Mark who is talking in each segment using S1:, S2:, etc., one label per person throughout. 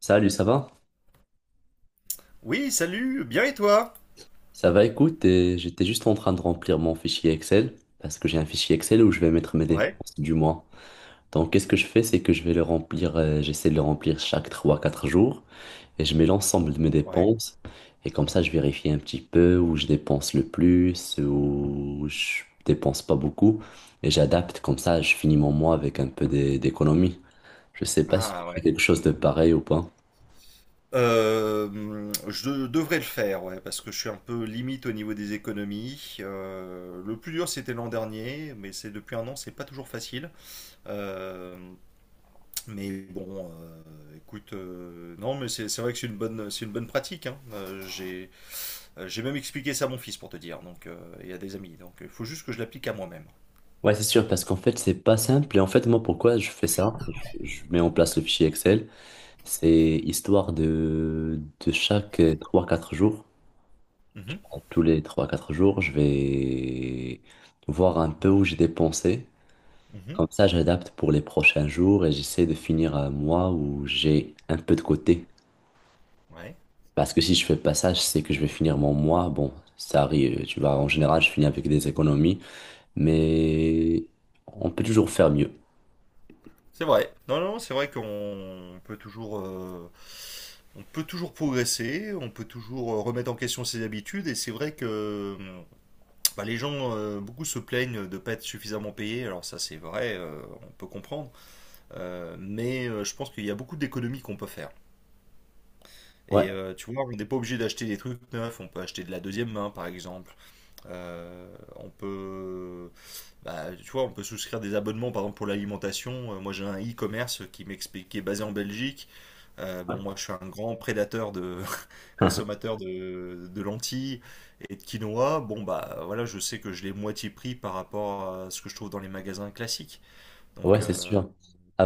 S1: Salut, ça va?
S2: Oui, salut, bien et toi?
S1: Ça va, écoute, et j'étais juste en train de remplir mon fichier Excel, parce que j'ai un fichier Excel où je vais mettre mes
S2: Ouais,
S1: dépenses du mois. Donc, qu'est-ce que je fais? C'est que je vais le remplir, j'essaie de le remplir chaque 3, 4 jours, et je mets l'ensemble de mes
S2: ouais.
S1: dépenses, et comme ça, je vérifie un petit peu où je dépense le plus, où je dépense pas beaucoup, et j'adapte, comme ça, je finis mon mois avec un peu d'économie. Je sais pas si tu
S2: Ah
S1: fais
S2: ouais.
S1: quelque chose de pareil ou pas.
S2: Je devrais le faire, ouais, parce que je suis un peu limite au niveau des économies. Le plus dur, c'était l'an dernier, mais c'est depuis un an, c'est pas toujours facile. Euh, mais bon, écoute, non, mais c'est vrai que c'est une bonne pratique, hein. J'ai même expliqué ça à mon fils pour te dire, donc, et à des amis. Donc, il faut juste que je l'applique à moi-même.
S1: Ouais, c'est sûr, parce qu'en fait, c'est pas simple. Et en fait, moi, pourquoi je fais ça? Je mets en place le fichier Excel. C'est histoire de chaque 3, 4 jours, tu
S2: Mhm,
S1: vois. Tous les 3, 4 jours, je vais voir un peu où j'ai dépensé.
S2: mhm,
S1: Comme ça, j'adapte pour les prochains jours et j'essaie de finir un mois où j'ai un peu de côté.
S2: ouais.
S1: Parce que si je fais pas ça, je sais que je vais finir mon mois. Bon, ça arrive, tu vois. En général, je finis avec des économies, mais on peut toujours faire mieux.
S2: C'est vrai. Non, non, c'est vrai qu'on peut toujours, on peut toujours progresser, on peut toujours remettre en question ses habitudes. Et c'est vrai que bah, les gens, beaucoup se plaignent de ne pas être suffisamment payés. Alors ça, c'est vrai, on peut comprendre. Je pense qu'il y a beaucoup d'économies qu'on peut faire.
S1: Ouais.
S2: Et tu vois, on n'est pas obligé d'acheter des trucs neufs. On peut acheter de la deuxième main, par exemple. On peut bah, tu vois, on peut souscrire des abonnements, par exemple, pour l'alimentation. Moi, j'ai un e-commerce qui m'explique, qui est basé en Belgique.
S1: Ouais.
S2: Bon, moi, je suis un grand prédateur de consommateur de lentilles et de quinoa. Bon, bah, voilà, je sais que je l'ai moitié prix par rapport à ce que je trouve dans les magasins classiques. Donc,
S1: Ouais, c'est sûr.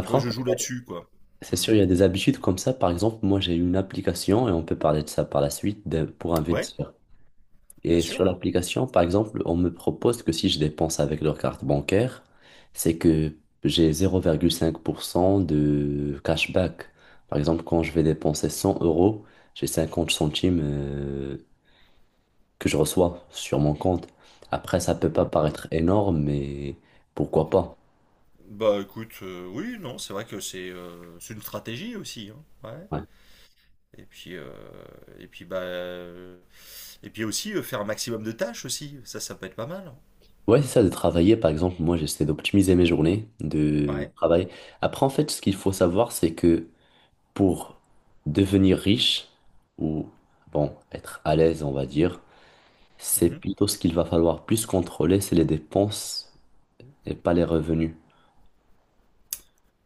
S2: tu vois,
S1: en
S2: je
S1: fait,
S2: joue là-dessus, quoi. Mm.
S1: c'est sûr, il y a des habitudes comme ça. Par exemple, moi, j'ai une application et on peut parler de ça par la suite pour
S2: Ouais,
S1: investir.
S2: bien
S1: Et
S2: sûr.
S1: sur l'application, par exemple, on me propose que si je dépense avec leur carte bancaire, c'est que j'ai 0,5% de cashback. Par exemple, quand je vais dépenser 100 euros, j'ai 50 centimes que je reçois sur mon compte. Après, ça peut pas paraître énorme, mais pourquoi pas?
S2: Bah écoute, oui, non, c'est vrai que c'est une stratégie aussi, hein. Ouais.
S1: Ouais.
S2: Et puis, et puis, bah, euh, et puis aussi faire un maximum de tâches aussi. Ça peut être pas mal.
S1: Ouais, c'est ça, de travailler. Par exemple, moi, j'essaie d'optimiser mes journées de
S2: Ouais.
S1: travail. Après, en fait, ce qu'il faut savoir, c'est que pour devenir riche ou, bon, être à l'aise, on va dire, c'est
S2: Mhm.
S1: plutôt ce qu'il va falloir plus contrôler, c'est les dépenses et pas les revenus.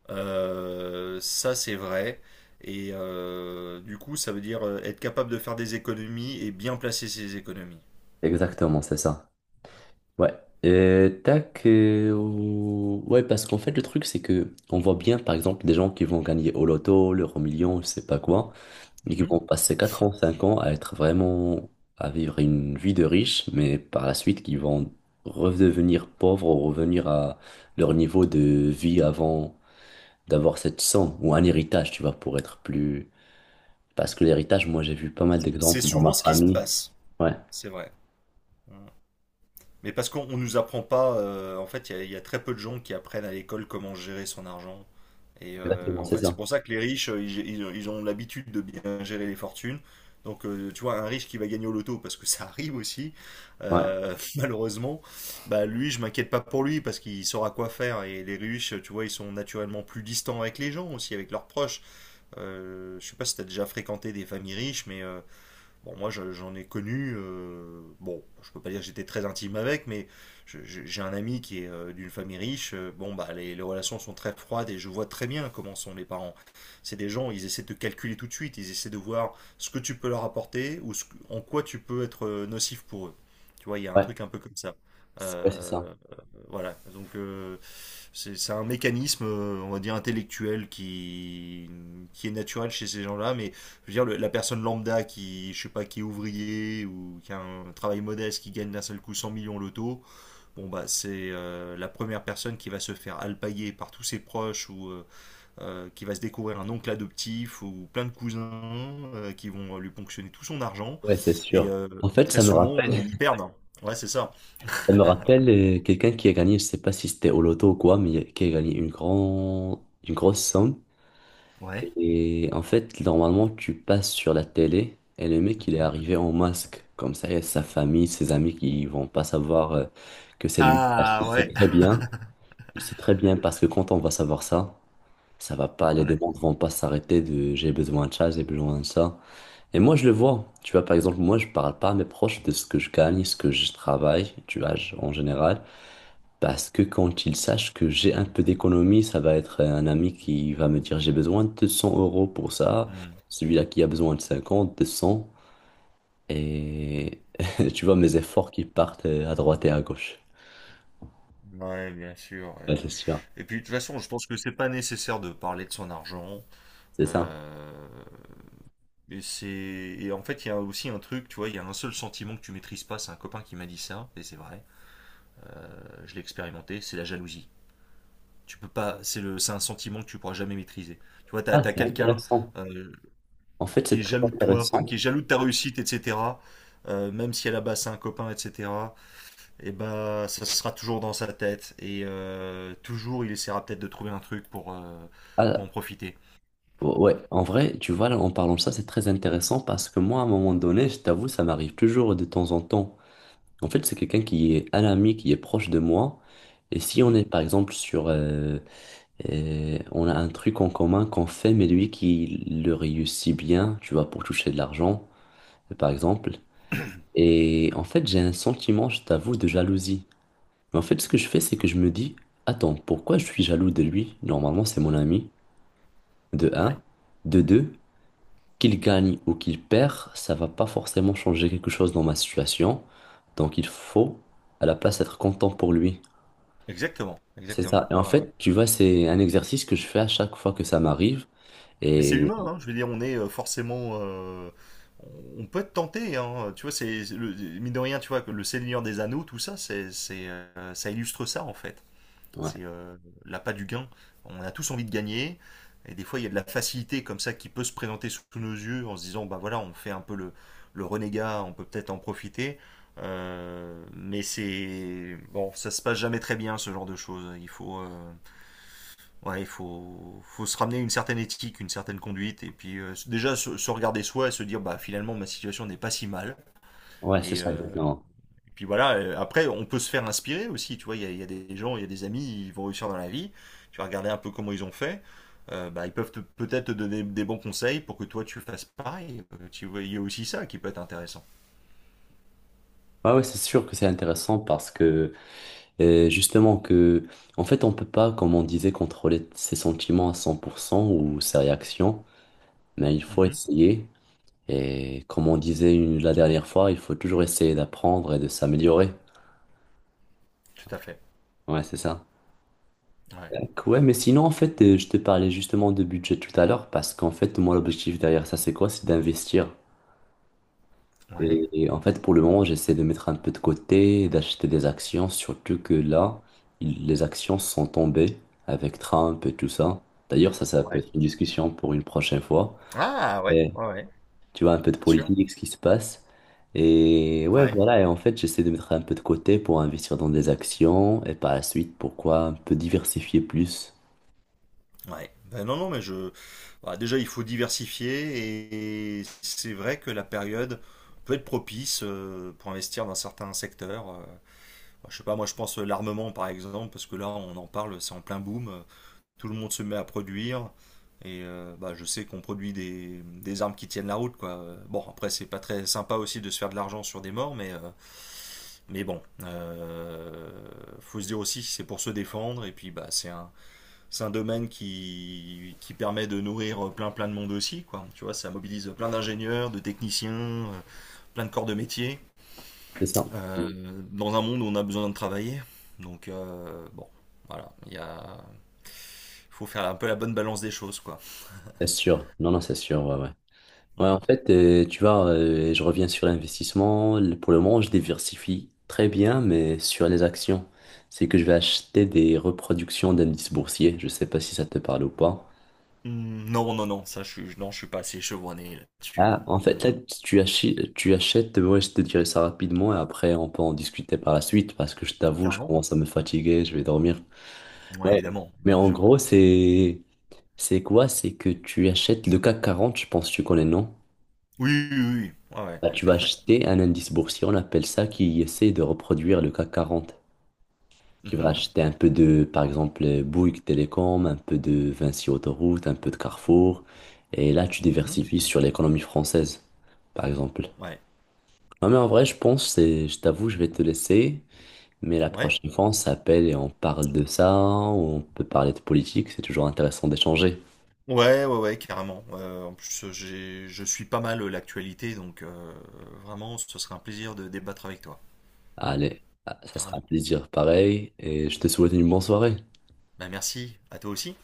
S2: Ça, c'est vrai. Et du coup, ça veut dire être capable de faire des économies et bien placer ses économies.
S1: Exactement, c'est ça. Ouais. Et tac. Ouais, parce qu'en fait, le truc, c'est que on voit bien, par exemple, des gens qui vont gagner au loto, l'euro million, je sais pas quoi, mais qui
S2: Mhm.
S1: vont passer 4 ans, 5 ans à être vraiment, à vivre une vie de riche, mais par la suite qui vont redevenir pauvres ou revenir à leur niveau de vie avant d'avoir cette somme ou un héritage, tu vois, pour être plus... Parce que l'héritage, moi j'ai vu pas mal
S2: C'est
S1: d'exemples dans
S2: souvent
S1: ma
S2: ce qui se
S1: famille.
S2: passe.
S1: Ouais,
S2: C'est vrai. Mais parce qu'on nous apprend pas, en fait, il y a très peu de gens qui apprennent à l'école comment gérer son argent. Et
S1: exactement,
S2: en
S1: c'est
S2: fait, c'est
S1: ça.
S2: pour ça que les riches, ils ont l'habitude de bien gérer les fortunes. Donc, tu vois, un riche qui va gagner au loto, parce que ça arrive aussi,
S1: Ouais,
S2: malheureusement, bah lui, je m'inquiète pas pour lui, parce qu'il saura quoi faire. Et les riches, tu vois, ils sont naturellement plus distants avec les gens aussi, avec leurs proches. Je sais pas si t'as déjà fréquenté des familles riches, mais bon, moi, j'en ai connu. Bon, je peux pas dire que j'étais très intime avec, mais j'ai un ami qui est d'une famille riche. Bon, bah, les relations sont très froides et je vois très bien comment sont les parents. C'est des gens, ils essaient de te calculer tout de suite. Ils essaient de voir ce que tu peux leur apporter ou en quoi tu peux être nocif pour eux. Tu vois, il y a un
S1: ouais,
S2: truc un peu comme ça.
S1: ouais, c'est ça.
S2: Euh, euh, voilà. Donc, c'est un mécanisme, on va dire, intellectuel qui est naturel chez ces gens-là, mais je veux dire, la personne lambda qui, je sais pas, qui est ouvrier ou qui a un travail modeste, qui gagne d'un seul coup 100 millions loto, bon bah c'est la première personne qui va se faire alpaguer par tous ses proches ou qui va se découvrir un oncle adoptif ou plein de cousins qui vont lui ponctionner tout son argent
S1: Ouais, c'est
S2: et
S1: sûr. En fait,
S2: très souvent ils perdent. Ouais, c'est ça.
S1: ça me rappelle quelqu'un qui a gagné, je sais pas si c'était au loto ou quoi, mais qui a gagné une grande, une grosse somme.
S2: Ouais.
S1: Et en fait, normalement, tu passes sur la télé et le mec, il est
S2: Mhm.
S1: arrivé en masque. Comme ça, il y a sa famille, ses amis qui vont pas savoir que c'est lui parce qu'il
S2: Ah
S1: sait
S2: ouais.
S1: très bien. Il sait très bien parce que quand on va savoir ça, ça va pas, les
S2: Ouais.
S1: demandes vont pas s'arrêter de j'ai besoin de ça, j'ai besoin de ça. Et moi, je le vois. Tu vois, par exemple, moi, je parle pas à mes proches de ce que je gagne, ce que je travaille, tu vois, en général. Parce que quand il sache que j'ai un peu d'économie, ça va être un ami qui va me dire j'ai besoin de 100 € pour ça,
S2: Mm.
S1: celui-là qui a besoin de 50, de 100, et tu vois mes efforts qui partent à droite et à gauche.
S2: Ouais, bien sûr.
S1: Ouais,
S2: Ouais.
S1: c'est sûr,
S2: Et puis de toute façon, je pense que c'est pas nécessaire de parler de son argent.
S1: c'est ça.
S2: Euh, Et c'est et en fait il y a aussi un truc, tu vois, il y a un seul sentiment que tu maîtrises pas, c'est un copain qui m'a dit ça et c'est vrai, je l'ai expérimenté, c'est la jalousie. Tu peux pas, c'est un sentiment que tu pourras jamais maîtriser. Tu vois, t'as
S1: Ah,
S2: t'as
S1: c'est
S2: quelqu'un
S1: intéressant.
S2: euh,
S1: En fait, c'est
S2: qui est
S1: très
S2: jaloux de toi, enfin qui
S1: intéressant.
S2: est jaloux de ta réussite, etc. Même si à la base c'est un copain, etc. Et bah ça sera toujours dans sa tête et toujours il essaiera peut-être de trouver un truc pour
S1: Ah,
S2: en profiter.
S1: ouais, en vrai, tu vois, là, en parlant de ça, c'est très intéressant parce que moi, à un moment donné, je t'avoue, ça m'arrive toujours de temps en temps. En fait, c'est quelqu'un qui est un ami, qui est proche de moi. Et si on
S2: Mhm.
S1: est par exemple sur et on a un truc en commun qu'on fait, mais lui qui le réussit bien, tu vois, pour toucher de l'argent, par exemple. Et en fait, j'ai un sentiment, je t'avoue, de jalousie. Mais en fait, ce que je fais, c'est que je me dis, attends, pourquoi je suis jaloux de lui? Normalement, c'est mon ami, de
S2: Ouais.
S1: un. De deux, qu'il gagne ou qu'il perd, ça va pas forcément changer quelque chose dans ma situation. Donc, il faut, à la place, être content pour lui.
S2: Exactement,
S1: C'est ça.
S2: exactement.
S1: Et en
S2: Ouais, ouais.
S1: fait, tu vois, c'est un exercice que je fais à chaque fois que ça m'arrive.
S2: Mais c'est
S1: Et
S2: humain, hein, je veux dire, on est forcément. On peut être tenté, hein, tu vois, mine de rien, tu vois, que le Seigneur des Anneaux, tout ça, c'est, ça illustre ça, en fait. C'est
S1: ouais.
S2: l'appât du gain. On a tous envie de gagner. Et des fois, il y a de la facilité comme ça qui peut se présenter sous nos yeux en se disant, bah voilà, on fait un peu le renégat, on peut peut-être en profiter. Mais c'est. Bon, ça se passe jamais très bien, ce genre de choses. Il faut. Ouais, faut se ramener une certaine éthique, une certaine conduite, et puis déjà se regarder soi et se dire, bah finalement ma situation n'est pas si mal.
S1: Ouais, c'est
S2: Et,
S1: ça,
S2: euh,
S1: exactement.
S2: et puis voilà, après on peut se faire inspirer aussi, tu vois, il y a des gens, il y a des amis, ils vont réussir dans la vie, tu vas regarder un peu comment ils ont fait, bah, peut-être te donner des bons conseils pour que toi tu fasses pareil. Tu vois, il y a aussi ça qui peut être intéressant.
S1: Ouais, ouais, c'est sûr que c'est intéressant parce que, justement, que, en fait, on peut pas, comme on disait, contrôler ses sentiments à 100% ou ses réactions, mais il faut
S2: Mhm,
S1: essayer. Et comme on disait la dernière fois, il faut toujours essayer d'apprendre et de s'améliorer.
S2: tout à fait.
S1: Ouais, c'est ça.
S2: Ouais.
S1: Donc, ouais, mais sinon, en fait, je te parlais justement de budget tout à l'heure parce qu'en fait, moi, l'objectif derrière ça, c'est quoi? C'est d'investir.
S2: Ouais.
S1: Et, en fait, pour le moment, j'essaie de mettre un peu de côté, d'acheter des actions, surtout que là, les actions sont tombées avec Trump et tout ça. D'ailleurs, ça peut
S2: Ouais.
S1: être une discussion pour une prochaine fois.
S2: Ah ouais,
S1: Et
S2: ouais, ouais,
S1: tu vois, un peu de
S2: bien sûr.
S1: politique, ce qui se passe. Et ouais,
S2: Ouais.
S1: voilà. Et en fait, j'essaie de mettre un peu de côté pour investir dans des actions et par la suite, pourquoi un peu diversifier plus.
S2: Ouais. Ben non, non, mais je. Bah, déjà, il faut diversifier et c'est vrai que la période peut être propice pour investir dans certains secteurs. Bah, je sais pas, moi, je pense l'armement par exemple, parce que là, on en parle, c'est en plein boom. Tout le monde se met à produire et bah, je sais qu'on produit des armes qui tiennent la route, quoi. Bon, après, c'est pas très sympa aussi de se faire de l'argent sur des morts, mais, mais bon, euh, faut se dire aussi, c'est pour se défendre et puis bah, c'est un domaine qui permet de nourrir plein plein de monde aussi, quoi. Tu vois, ça mobilise plein d'ingénieurs, de techniciens, euh, plein de corps de métier,
S1: C'est ça.
S2: euh, dans un monde où on a besoin de travailler, donc bon, voilà, il y a faut faire un peu la bonne balance des choses, quoi.
S1: C'est sûr. Non, non, c'est sûr, ouais, ouais. Ouais, en
S2: Mm.
S1: fait, tu vois, je reviens sur l'investissement. Pour le moment, je diversifie très bien, mais sur les actions. C'est que je vais acheter des reproductions d'indices boursiers. Je sais pas si ça te parle ou pas.
S2: Mm, non non non, ça je suis non, je suis pas assez chevronné là-dessus,
S1: Ah,
S2: non,
S1: en
S2: non,
S1: fait,
S2: non.
S1: là, tu achètes, ouais, je te dirai ça rapidement et après, on peut en discuter par la suite parce que je t'avoue, je
S2: Carrément.
S1: commence à me fatiguer, je vais dormir.
S2: Ouais,
S1: Ouais,
S2: évidemment,
S1: mais
S2: bien
S1: en
S2: sûr.
S1: gros, c'est quoi? C'est que tu achètes le CAC 40 je pense que tu connais, non?
S2: Oui oui oui, ouais, ouais,
S1: Bah,
S2: tout
S1: tu
S2: à
S1: vas
S2: fait.
S1: acheter un indice boursier, on appelle ça, qui essaie de reproduire le CAC 40, qui va
S2: Mhm.
S1: acheter un peu de, par exemple, Bouygues Télécom, un peu de Vinci Autoroute, un peu de Carrefour, et là, tu
S2: Mhm.
S1: diversifies sur l'économie française, par exemple.
S2: Ouais,
S1: Non, mais en vrai, je pense, je t'avoue, je vais te laisser, mais la
S2: ouais.
S1: prochaine fois, on s'appelle et on parle de ça, ou on peut parler de politique, c'est toujours intéressant d'échanger.
S2: Ouais, ouais, ouais, carrément. Je suis pas mal l'actualité, donc vraiment, ce serait un plaisir de débattre avec toi,
S1: Allez, ça sera un
S2: carrément.
S1: plaisir pareil, et je te souhaite une bonne soirée.
S2: Bah, merci, à toi aussi.